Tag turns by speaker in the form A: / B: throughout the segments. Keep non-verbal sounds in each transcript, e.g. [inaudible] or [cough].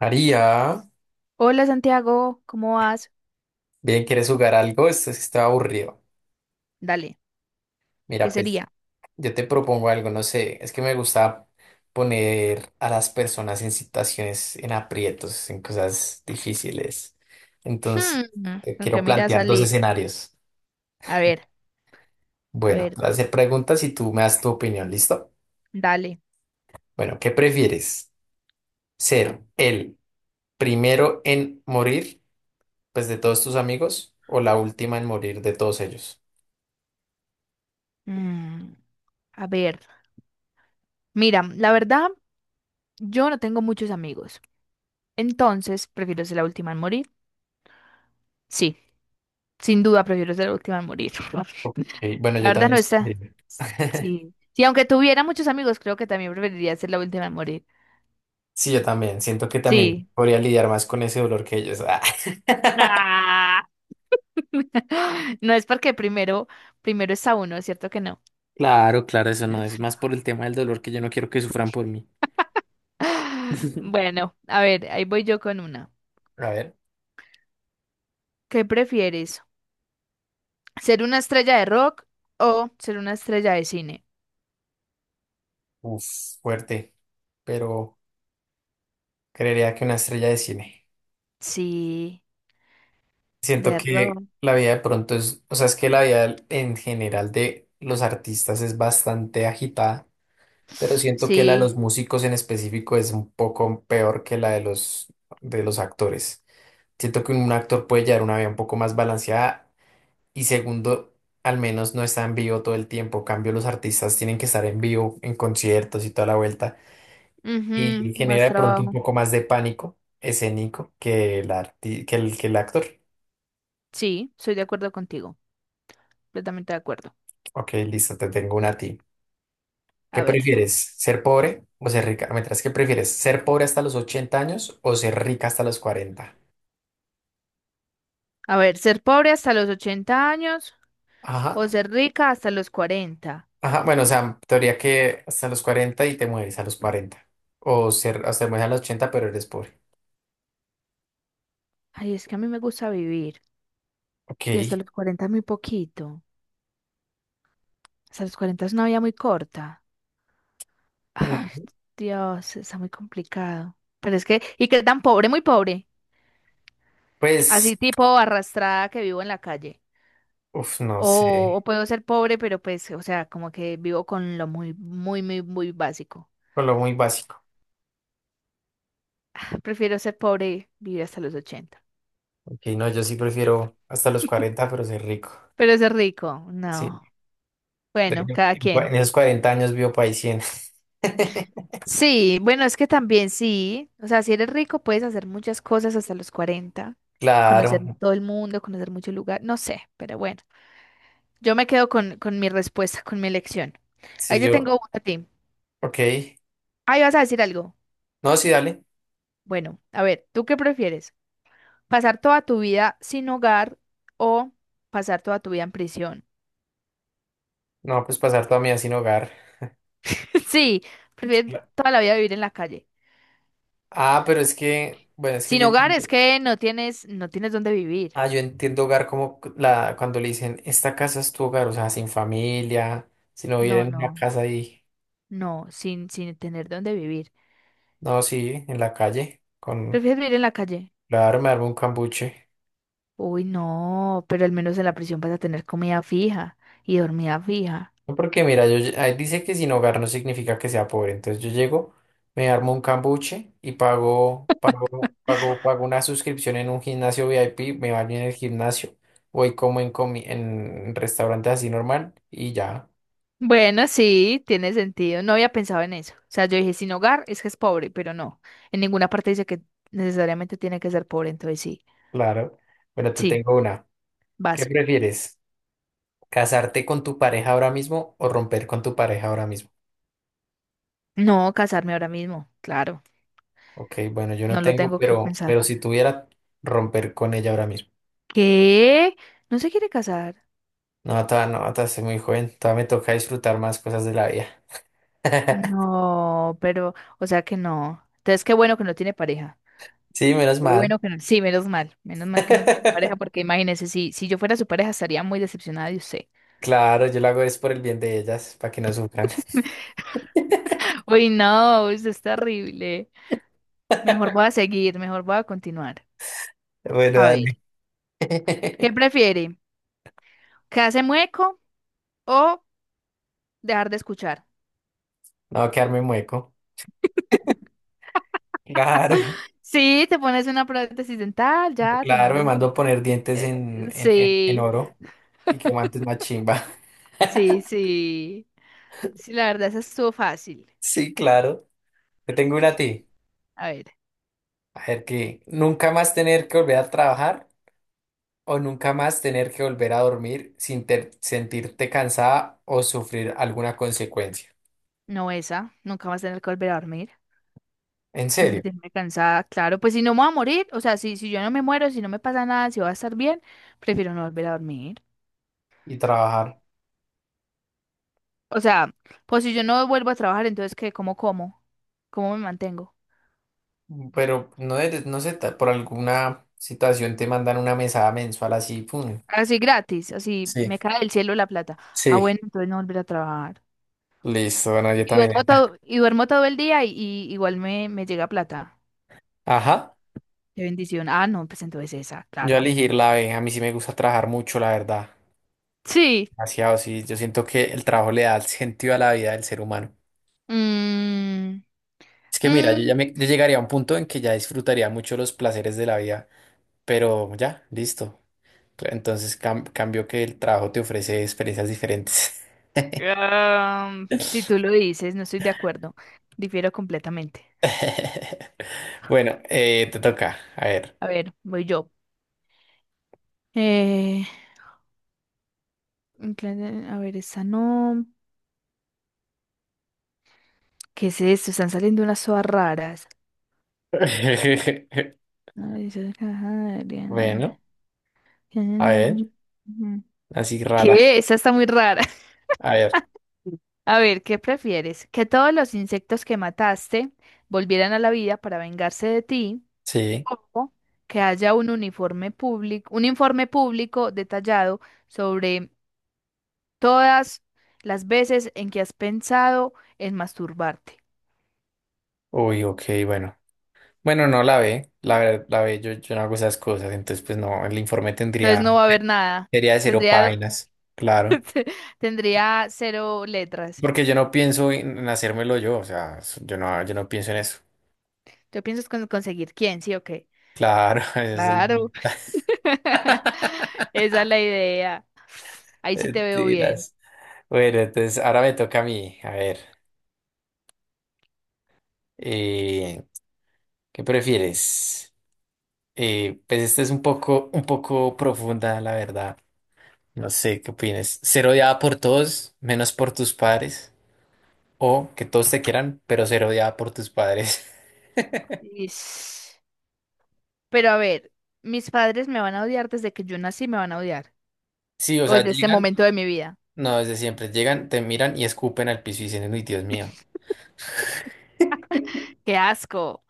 A: María,
B: Hola Santiago, ¿cómo vas?
A: bien, ¿quieres jugar algo? Esto es que está aburrido.
B: Dale,
A: Mira,
B: ¿qué
A: pues
B: sería?
A: yo te propongo algo, no sé, es que me gusta poner a las personas en situaciones, en aprietos, en cosas difíciles.
B: Hmm,
A: Entonces, te
B: ¿con qué
A: quiero
B: mira
A: plantear dos
B: salir?
A: escenarios.
B: A ver, a
A: Bueno, te
B: ver,
A: voy a hacer preguntas y tú me das tu opinión, ¿listo?
B: dale.
A: Bueno, ¿qué prefieres? ¿Ser el primero en morir, pues de todos tus amigos, o la última en morir de todos ellos?
B: Mm, a ver, mira, la verdad, yo no tengo muchos amigos, entonces prefiero ser la última en morir. Sí, sin duda prefiero ser la última en morir. [laughs]
A: Ok, bueno,
B: La
A: yo
B: verdad
A: también
B: no está.
A: escogería. [laughs]
B: Sí, sí, aunque tuviera muchos amigos, creo que también preferiría ser la última en morir.
A: Sí, yo también. Siento que también
B: Sí.
A: podría lidiar más con ese dolor que ellos. Ah. [laughs]
B: Ah. [laughs] No es porque primero está uno, ¿cierto que no?
A: Claro, claro, eso no es más
B: [laughs]
A: por el tema del dolor que yo no quiero que sufran por mí.
B: [laughs]
A: [laughs]
B: Bueno, a ver, ahí voy yo con una.
A: A ver,
B: ¿Qué prefieres? ¿Ser una estrella de rock o ser una estrella de cine?
A: uf, fuerte, pero creería que una estrella de cine.
B: Sí,
A: Siento
B: de
A: que
B: rock.
A: la vida de pronto es, o sea, es que la vida en general de los artistas es bastante agitada, pero siento que la de los
B: Sí,
A: músicos en específico es un poco peor que la de los actores. Siento que un actor puede llevar una vida un poco más balanceada. Y segundo, al menos no está en vivo todo el tiempo. En cambio, los artistas tienen que estar en vivo, en conciertos y toda la vuelta. Y
B: ujú,
A: genera
B: más
A: de pronto un
B: trabajo.
A: poco más de pánico escénico que el, arti- que el actor.
B: Sí, soy de acuerdo contigo, completamente de acuerdo.
A: Ok, listo, te tengo una a ti. ¿Qué
B: A ver,
A: prefieres? ¿Ser pobre o ser rica? Mientras, ¿qué prefieres? ¿Ser pobre hasta los 80 años o ser rica hasta los cuarenta?
B: a ver, ser pobre hasta los 80 años o
A: Ajá.
B: ser rica hasta los 40.
A: Ajá, bueno, o sea, teoría que hasta los 40 y te mueres a los cuarenta. O ser, hasta te mueres a los ochenta pero eres pobre.
B: Ay, es que a mí me gusta vivir
A: Ok.
B: y hasta los 40 muy poquito. Hasta los 40 es una vida muy corta. Ay,
A: Mm.
B: Dios, está muy complicado. Pero es que, ¿y qué tan pobre? Muy pobre.
A: Pues.
B: Así tipo arrastrada que vivo en la calle.
A: No
B: O
A: sé.
B: puedo ser pobre, pero pues, o sea, como que vivo con lo muy, muy, muy, muy básico.
A: Con lo muy básico.
B: Prefiero ser pobre y vivir hasta los 80.
A: Ok, no, yo sí prefiero hasta los 40, pero ser rico.
B: Pero ser rico,
A: Sí.
B: no. Bueno,
A: Pero
B: cada quien.
A: En esos 40 años vivo para 100. [laughs]
B: Sí, bueno, es que también sí. O sea, si eres rico, puedes hacer muchas cosas hasta los cuarenta,
A: Claro.
B: Conocer todo el mundo, conocer muchos lugares, no sé, pero bueno. Yo me quedo con mi respuesta, con mi elección. Ahí
A: Sí,
B: te
A: yo.
B: tengo una a ti.
A: Ok.
B: Ahí vas a decir algo.
A: No, sí, dale.
B: Bueno, a ver, ¿tú qué prefieres? ¿Pasar toda tu vida sin hogar o pasar toda tu vida en prisión?
A: No, pues pasar toda mi vida sin hogar.
B: [laughs] Sí, prefieres
A: Cla-
B: toda la vida vivir en la calle.
A: Ah, pero es que. Bueno, es que
B: Sin
A: yo
B: hogar es
A: entiendo.
B: que no tienes dónde vivir.
A: Ah, yo entiendo hogar como cuando le dicen, esta casa es tu hogar, o sea, sin familia, si no viviera
B: No,
A: en una
B: no,
A: casa ahí.
B: no, sin tener dónde vivir.
A: No, sí, en la calle, con.
B: ¿Prefieres vivir en la calle?
A: Claro, me armo un cambuche.
B: Uy, no, pero al menos en la prisión vas a tener comida fija y dormida fija.
A: No, porque mira, yo, ahí dice que sin hogar no significa que sea pobre. Entonces yo llego, me armo un cambuche y pago una suscripción en un gimnasio VIP, me baño en el gimnasio, voy como en restaurantes así normal y ya,
B: Bueno, sí, tiene sentido. No había pensado en eso. O sea, yo dije, sin hogar es que es pobre, pero no. En ninguna parte dice que necesariamente tiene que ser pobre, entonces sí.
A: claro. Bueno, te
B: Sí,
A: tengo una. ¿Qué
B: vas.
A: prefieres? ¿Casarte con tu pareja ahora mismo o romper con tu pareja ahora mismo?
B: No, casarme ahora mismo, claro.
A: Ok, bueno, yo no
B: No lo
A: tengo,
B: tengo que pensar.
A: pero si tuviera, romper con ella ahora mismo.
B: ¿Qué? ¿No se quiere casar?
A: No, ta, no, ta, soy muy joven, todavía me toca disfrutar más cosas de la vida. [laughs]
B: No, pero, o sea que no. Entonces, qué bueno que no tiene pareja.
A: Sí, menos
B: Qué bueno
A: mal.
B: que no. Sí, menos mal. Menos mal que no tiene pareja,
A: [laughs]
B: porque imagínese, si yo fuera su pareja, estaría muy decepcionada de usted.
A: Claro, yo lo hago es por el bien de ellas, para que no sufran.
B: [laughs] Uy, no, eso es terrible. Mejor voy a
A: [laughs]
B: seguir, mejor voy a continuar.
A: Bueno,
B: A ver,
A: dale. [laughs]
B: ¿qué prefiere? ¿Quedarse mueco o dejar de escuchar?
A: No va a quedarme mueco. Claro,
B: Sí, te pones una prótesis dental, ya te
A: claro, me
B: mandas a...
A: mando a poner
B: [laughs]
A: dientes en
B: Sí,
A: oro y que guantes más chimba.
B: sí, sí. Sí, la verdad, esa estuvo fácil.
A: [laughs] Sí, claro. Te tengo una a ti.
B: A ver,
A: A ver, que nunca más tener que volver a trabajar o nunca más tener que volver a dormir sin sentirte cansada o sufrir alguna consecuencia.
B: no esa, nunca vas a tener que volver a dormir.
A: ¿En
B: Si se
A: serio?
B: te cansada, claro, pues si no me voy a morir, o sea, si yo no me muero, si no me pasa nada, si voy a estar bien, prefiero no volver a dormir.
A: Y trabajar.
B: O sea, pues si yo no vuelvo a trabajar, entonces, ¿qué? ¿Cómo como? ¿Cómo me mantengo?
A: Pero no, no sé, por alguna situación te mandan una mesada mensual así, pum.
B: Así gratis, así
A: Sí,
B: me cae del cielo la plata. Ah,
A: sí.
B: bueno, entonces no volver a trabajar.
A: Listo, bueno, yo
B: Y
A: también.
B: duermo todo, y duermo todo el día y igual me llega plata.
A: Ajá,
B: Qué bendición. Ah, no, pues entonces esa,
A: yo a
B: claro.
A: elegir la B, a mí sí me gusta trabajar mucho, la verdad.
B: Sí.
A: Demasiado, sí, yo siento que el trabajo le da el sentido a la vida del ser humano.
B: Mm,
A: Es que mira,
B: mm,
A: yo llegaría a un punto en que ya disfrutaría mucho los placeres de la vida, pero ya, listo. Entonces cambio que el trabajo te ofrece experiencias diferentes.
B: si tú lo dices, no estoy de acuerdo. Difiero completamente.
A: [laughs] Bueno, te toca, a ver.
B: A ver, voy yo. Eh, a ver, esa no. ¿Qué es esto? Están saliendo unas sodas raras.
A: [laughs]
B: Ay, esa caja, Adriana.
A: Bueno, a ver,
B: [laughs]
A: así rara.
B: ¿Qué? Esa está muy rara.
A: A ver,
B: [laughs] A ver, ¿qué prefieres? ¿Que todos los insectos que mataste volvieran a la vida para vengarse de ti?
A: sí.
B: ¿O que haya un informe público detallado sobre todas las veces en que has pensado en masturbarte?
A: Uy, ok, bueno. Bueno, no la ve, la, ver- la ve, yo no hago esas cosas, entonces pues no, el informe
B: Entonces no
A: tendría,
B: va a haber nada.
A: sería de cero
B: Tendría,
A: páginas, claro.
B: [laughs] tendría 0 letras.
A: Porque yo no pienso en hacérmelo yo, o sea, yo no, yo no pienso en eso.
B: ¿Tú piensas conseguir quién? ¿Sí o qué?
A: Claro, [laughs] esa es
B: Claro.
A: la-
B: [laughs]
A: [laughs]
B: Esa es la idea. Ahí sí te veo bien.
A: Mentiras. Bueno, entonces ahora me toca a mí, a ver, eh, ¿qué prefieres? Pues esta es un poco profunda, la verdad. No sé qué opinas. Ser odiada por todos, menos por tus padres. O que todos te quieran, pero ser odiada por tus padres. [laughs]
B: Ish. Pero a ver, mis padres me van a odiar desde que yo nací, me van a odiar.
A: Sí, o
B: O
A: sea,
B: desde este
A: llegan,
B: momento de mi vida.
A: no, desde siempre, llegan, te miran y escupen al piso y dicen, uy, Dios mío.
B: [laughs] ¡Qué asco!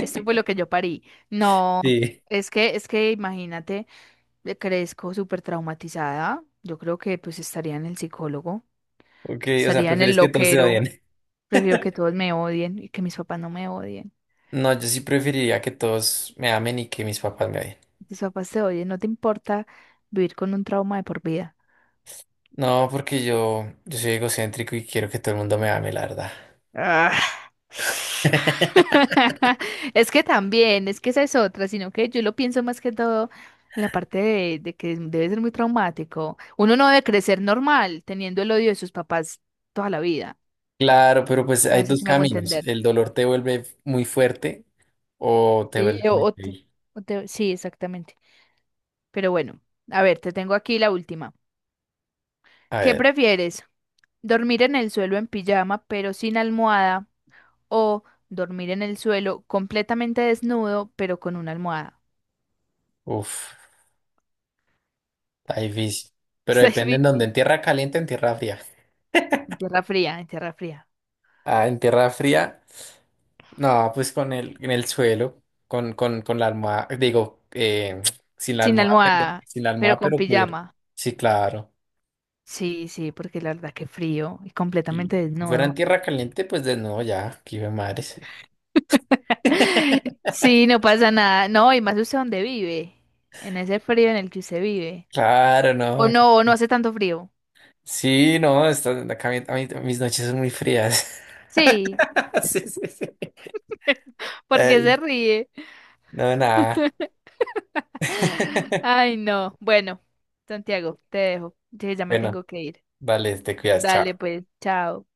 B: Esto fue lo que yo parí. No,
A: Sí.
B: es que imagínate, crezco súper traumatizada. Yo creo que pues estaría en el psicólogo,
A: Ok, o sea,
B: estaría en el
A: prefieres que todos te
B: loquero.
A: odien. [laughs]
B: Prefiero que todos me odien y que mis papás no me odien.
A: No, yo sí preferiría que todos me amen y que mis papás me odien.
B: Tus papás te oyen, no te importa vivir con un trauma de por vida.
A: No, porque yo soy egocéntrico y quiero que todo el mundo me ame, la verdad.
B: Ah.
A: [laughs]
B: [laughs] Es que también, es que esa es otra, sino que yo lo pienso más que todo en la parte de que debe ser muy traumático. Uno no debe crecer normal teniendo el odio de sus papás toda la vida.
A: Claro, pero pues hay
B: No sé
A: dos
B: si me hago
A: caminos.
B: entender.
A: El dolor te vuelve muy fuerte o te
B: Sí.
A: vuelve
B: Eh, O,
A: muy
B: o te-
A: débil.
B: o te- sí, exactamente. Pero bueno, a ver, te tengo aquí la última.
A: A
B: ¿Qué
A: ver,
B: prefieres? ¿Dormir en el suelo en pijama pero sin almohada o dormir en el suelo completamente desnudo, pero con una almohada?
A: uff, está difícil.
B: [laughs]
A: Pero
B: Está
A: depende en dónde, en
B: difícil.
A: tierra caliente, o en tierra fría.
B: En tierra fría, en tierra fría.
A: Ah, en tierra fría, no, pues con el, en el suelo, con la almohada, digo, [tsk] sin la
B: Sin
A: almohada, pero,
B: almohada,
A: sin la
B: pero
A: almohada,
B: con
A: pero cubierto.
B: pijama.
A: Sí, claro.
B: Sí, sí, porque la verdad que frío y completamente
A: Y si fuera en
B: desnudo.
A: tierra caliente, pues de nuevo ya, aquí ve mares.
B: [laughs]
A: [laughs]
B: Sí, no pasa nada. No, y más usted donde vive, en ese frío en el que usted vive.
A: Claro, no.
B: O no hace tanto frío.
A: Sí, no, está, acá mi- a mí- mis noches son muy frías.
B: Sí,
A: [laughs] Sí, sí, sí.
B: [laughs] porque
A: Ay,
B: se ríe.
A: no, nada.
B: [laughs]
A: [laughs]
B: Ay, no. Bueno, Santiago, te dejo. Sí, ya me
A: Bueno,
B: tengo que ir.
A: vale, te cuidas, chao.
B: Dale, pues, chao.